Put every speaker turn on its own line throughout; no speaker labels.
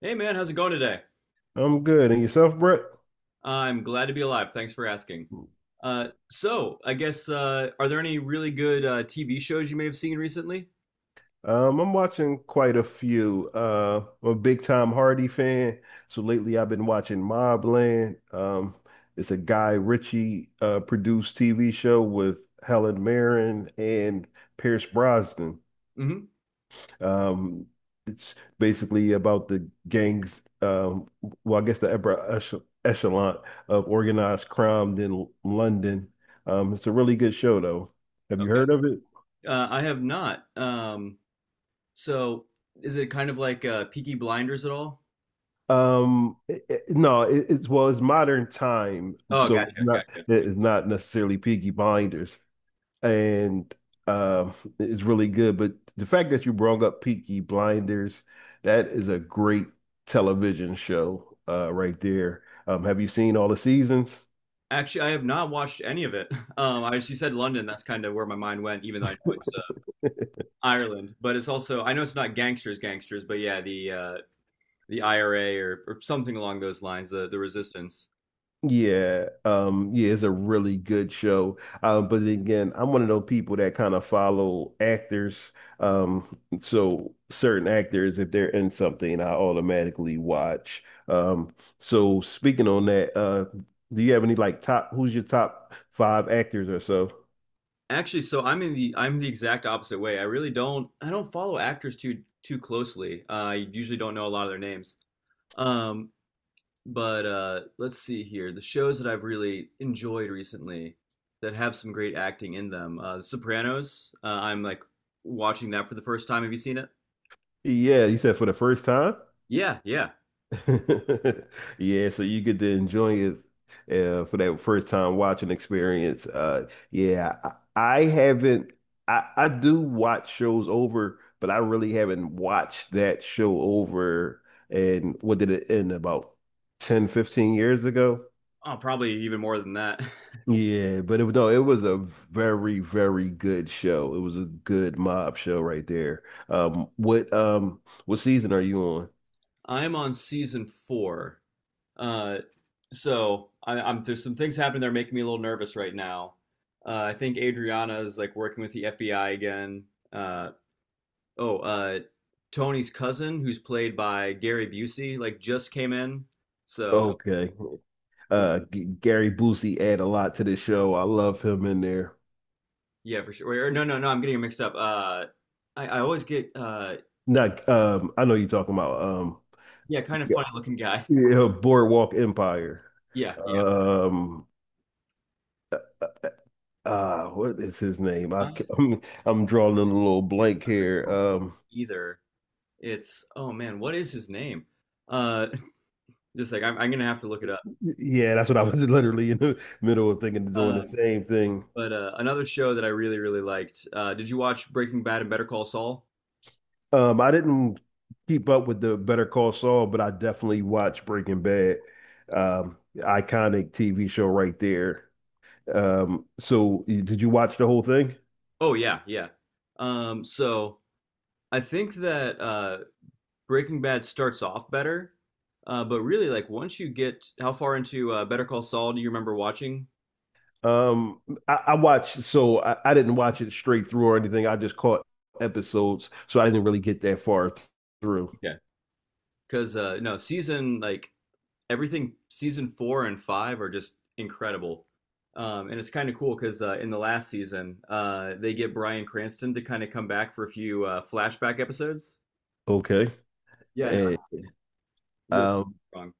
Hey man, how's it going today?
I'm good. And yourself, Brett?
I'm glad to be alive. Thanks for asking. So I guess are there any really good TV shows you may have seen recently?
I'm watching quite a few. I'm a big Tom Hardy fan. So lately I've been watching Mobland. It's a Guy Ritchie produced TV show with Helen Mirren and Pierce Brosnan.
hmm
Um, it's basically about the gangs, well, I guess the upper echelon of organized crime in London. It's a really good show, though. Have you
Okay.
heard of it?
I have not. So is it kind of like Peaky Blinders at all?
No, it's well, it's modern time,
Oh,
so
gotcha,
it's not
gotcha.
it's not necessarily Peaky Blinders, and um, it's really good. But the fact that you brought up Peaky Blinders, that is a great television show, right there. Have you seen all the seasons?
Actually, I have not watched any of it. I just you said London. That's kind of where my mind went, even though I know it's Ireland. But it's also I know it's not gangsters, gangsters, but yeah, the IRA or something along those lines, the resistance.
Yeah, yeah, it's a really good show. But then again, I'm one of those people that kind of follow actors. So certain actors, if they're in something, I automatically watch. So speaking on that, do you have any like top, who's your top five actors or so?
Actually, so I'm the exact opposite way. I don't follow actors too closely. I usually don't know a lot of their names. Um, but Let's see here. The shows that I've really enjoyed recently that have some great acting in them. The Sopranos. I'm like watching that for the first time. Have you seen it?
Yeah, you said for the first time?
Yeah, yeah.
Yeah, so you get to enjoy it for that first time watching experience. Yeah, I haven't. I do watch shows over, but I really haven't watched that show over. And what did it end about 10, 15 years ago?
Oh, probably even more than that.
Yeah, but it was no, it was a very, very good show. It was a good mob show right there. What season are you on?
I'm on season four. Uh, so I, I'm There's some things happening that are making me a little nervous right now. I think Adriana is like working with the FBI again. Uh, oh, uh, Tony's cousin, who's played by Gary Busey, like just came in. So
Okay. G Gary Busey add a lot to this show. I love him in there.
yeah, for sure. Or, no, no, no, I'm getting it mixed up. I always get
Not, I know you're talking about
yeah, kind of
yeah,
funny looking guy.
yeah, Boardwalk Empire.
Yeah, yeah.
Um, what is his name?
Uh,
I'm drawing a little
it's
blank here.
not either. It's oh man, what is his name? Uh, just like I'm gonna have to look it up.
Yeah, that's what I was literally in the middle of thinking of doing
Uh,
the same thing.
But Another show that I really, really liked. Did you watch Breaking Bad and Better Call Saul?
I didn't keep up with the Better Call Saul, but I definitely watched Breaking Bad. Iconic TV show right there. So did you watch the whole thing?
Oh yeah, yeah. So I think that Breaking Bad starts off better, but really, like once you get how far into Better Call Saul do you remember watching?
Um, I watched, so I didn't watch it straight through or anything. I just caught episodes, so I didn't really get that far through.
Yeah. Because No season like everything season four and five are just incredible, and it's kind of cool because in the last season they get Bryan Cranston to kind of come back for a few flashback episodes.
Okay.
Yeah, no,
Eh,
really
um,
strong.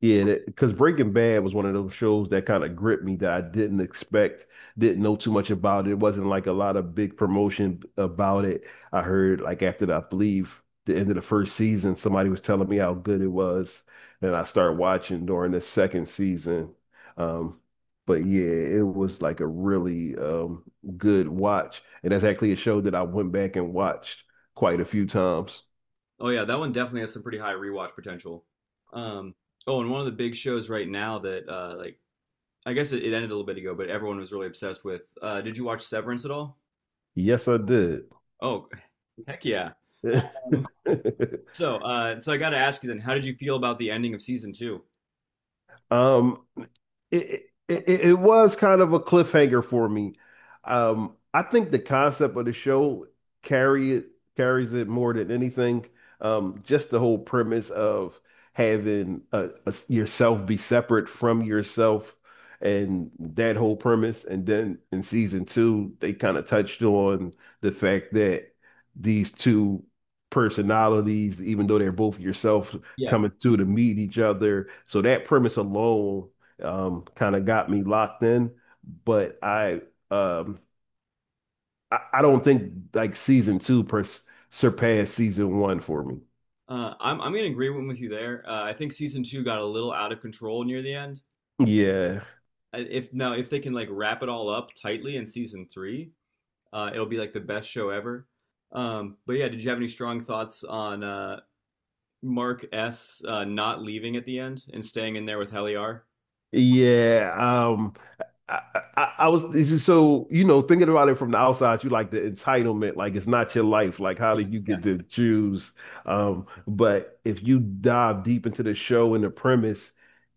Yeah, because Breaking Bad was one of those shows that kind of gripped me that I didn't expect, didn't know too much about. It wasn't like a lot of big promotion about it. I heard like after I believe the end of the first season, somebody was telling me how good it was, and I started watching during the second season. Um, but yeah, it was like a really good watch, and that's actually a show that I went back and watched quite a few times.
Oh yeah, that one definitely has some pretty high rewatch potential. Um, oh, and one of the big shows right now that I guess it ended a little bit ago, but everyone was really obsessed with. Did you watch Severance at all?
Yes, I did.
Oh, heck yeah. Um, so I got to ask you then, how did you feel about the ending of season two?
Um, it was kind of a cliffhanger for me. I think the concept of the show carry it carries it more than anything. Just the whole premise of having yourself be separate from yourself and that whole premise. And then in season two, they kind of touched on the fact that these two personalities, even though they're both yourself,
Yeah,
coming through to meet each other. So that premise alone kind of got me locked in. But um, I don't think like season two per surpassed season one for me.
I'm gonna agree with you there. I think season two got a little out of control near the end.
Yeah.
I- If now if they can like wrap it all up tightly in season three, it'll be like the best show ever. But yeah, did you have any strong thoughts on Mark S not leaving at the end and staying in there with Heliar.
Yeah. I, I was so thinking about it from the outside, you like the entitlement, like it's not your life. Like how did you
Yeah.
get to choose? But if you dive deep into the show and the premise,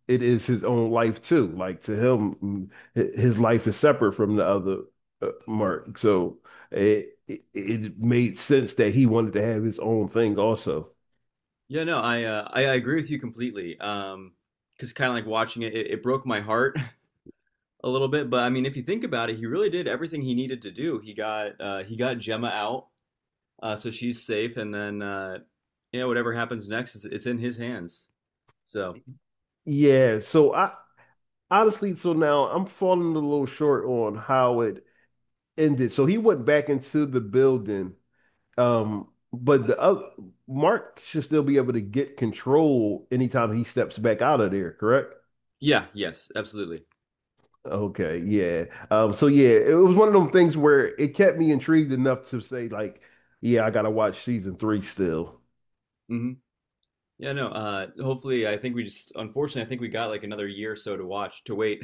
it is his own life too. Like to him, his life is separate from the other Mark. So it made sense that he wanted to have his own thing also.
Yeah, no, I agree with you completely. Because kind of like watching it broke my heart a little bit. But I mean, if you think about it, he really did everything he needed to do. He got Gemma out, so she's safe, and then yeah, whatever happens next, is it's in his hands. So
Yeah, so I honestly, so now I'm falling a little short on how it ended. So he went back into the building. But the other Mark should still be able to get control anytime he steps back out of there, correct?
yeah, yes, absolutely.
Okay, yeah. So yeah, it was one of them things where it kept me intrigued enough to say, like, yeah, I gotta watch season three still.
hmm Yeah, no. Hopefully, I think we just Unfortunately, I think we got like another year or so to wait.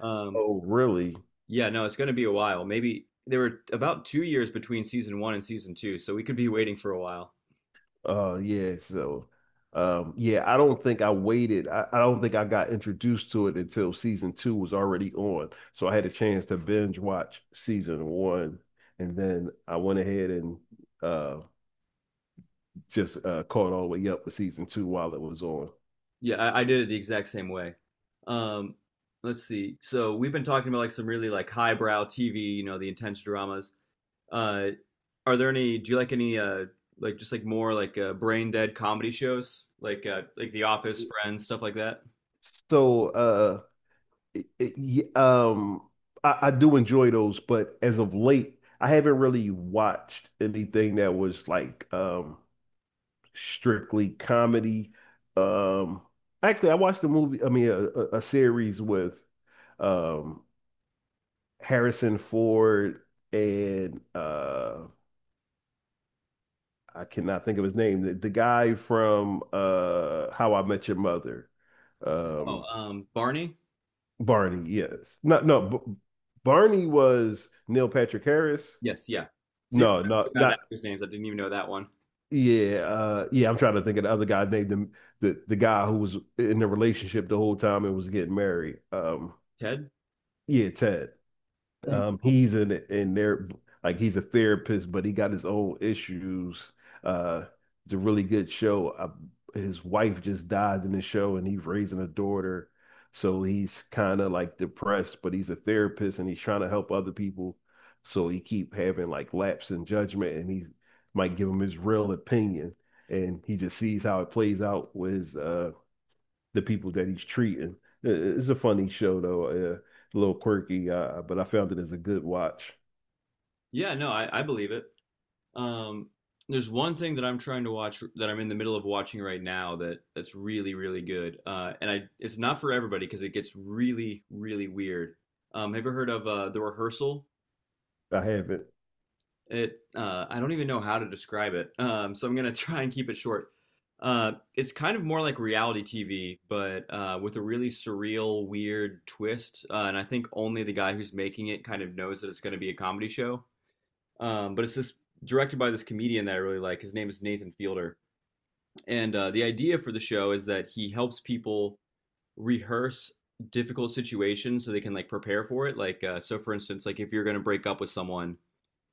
Um,
Oh, really?
Yeah, no, it's going to be a while. Maybe there were about 2 years between season one and season two, so we could be waiting for a while.
Yeah, so yeah, I don't think I waited. I don't think I got introduced to it until season two was already on. So I had a chance to binge watch season one and then I went ahead and uh just caught all the way up with season two while it was on.
Yeah, I did it the exact same way. Um, let's see. So we've been talking about like some really like highbrow TV, you know, the intense dramas. Uh, are there any? Do you like any like just like more like brain dead comedy shows like The Office, Friends, stuff like that?
So it, it, y- um I do enjoy those, but as of late, I haven't really watched anything that was like strictly comedy. Um, Actually, I watched a movie, I mean, a series with um, Harrison Ford and I cannot think of his name. The guy from How I Met Your Mother,
Oh,
um,
Barney.
Barney. Yes, no, no. B Barney was Neil Patrick Harris.
Yes, yeah. See, look,
No,
I'm so
no,
bad at
not.
actors' names. I didn't even know that one.
Yeah, yeah, I'm trying to think of the other guy named the guy who was in the relationship the whole time and was getting married.
Ted?
Yeah, Ted.
Mm.
He's in there like he's a therapist, but he got his own issues. Uh, it's a really good show. His wife just died in the show, and he's raising a daughter, so he's kind of like depressed. But he's a therapist, and he's trying to help other people. So he keep having like lapse in judgment, and he might give him his real opinion, and he just sees how it plays out with his the people that he's treating. It's a funny show though, a little quirky, but I found it as a good watch.
Yeah, no, I believe it. Um, there's one thing that I'm trying to watch that I'm in the middle of watching right now that's really, really good. And I it's not for everybody because it gets really, really weird. Have you ever heard of The Rehearsal?
I haven't.
It I don't even know how to describe it. So I'm gonna try and keep it short. It's kind of more like reality TV, but with a really surreal, weird twist. And I think only the guy who's making it kind of knows that it's going to be a comedy show. But it's this directed by this comedian that I really like. His name is Nathan Fielder, and the idea for the show is that he helps people rehearse difficult situations so they can like prepare for it. Like, so for instance, like if you're going to break up with someone,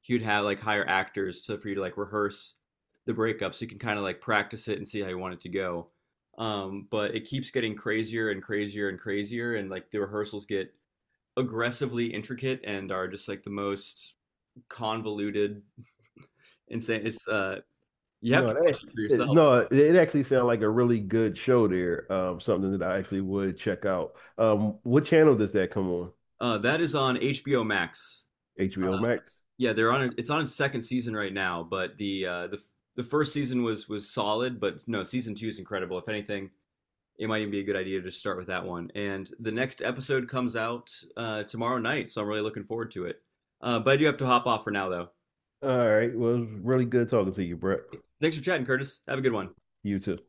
he would have like hire actors to for you to like rehearse the breakup so you can kind of like practice it and see how you want it to go. But it keeps getting crazier and crazier and crazier, and like the rehearsals get aggressively intricate and are just like the most convoluted, insane. It's You have to
No,
watch it for yourself.
no, it actually sounds like a really good show there. Something that I actually would check out. What channel does that come on?
That is on HBO Max.
HBO Max.
Yeah, they're on. A, it's on its second season right now, but the the first season was solid, but no, season two is incredible. If anything, it might even be a good idea to just start with that one. And the next episode comes out tomorrow night, so I'm really looking forward to it. But I do have to hop off for now, though.
All right. Well, it was really good talking to you, Brett.
Thanks for chatting, Curtis. Have a good one.
You too.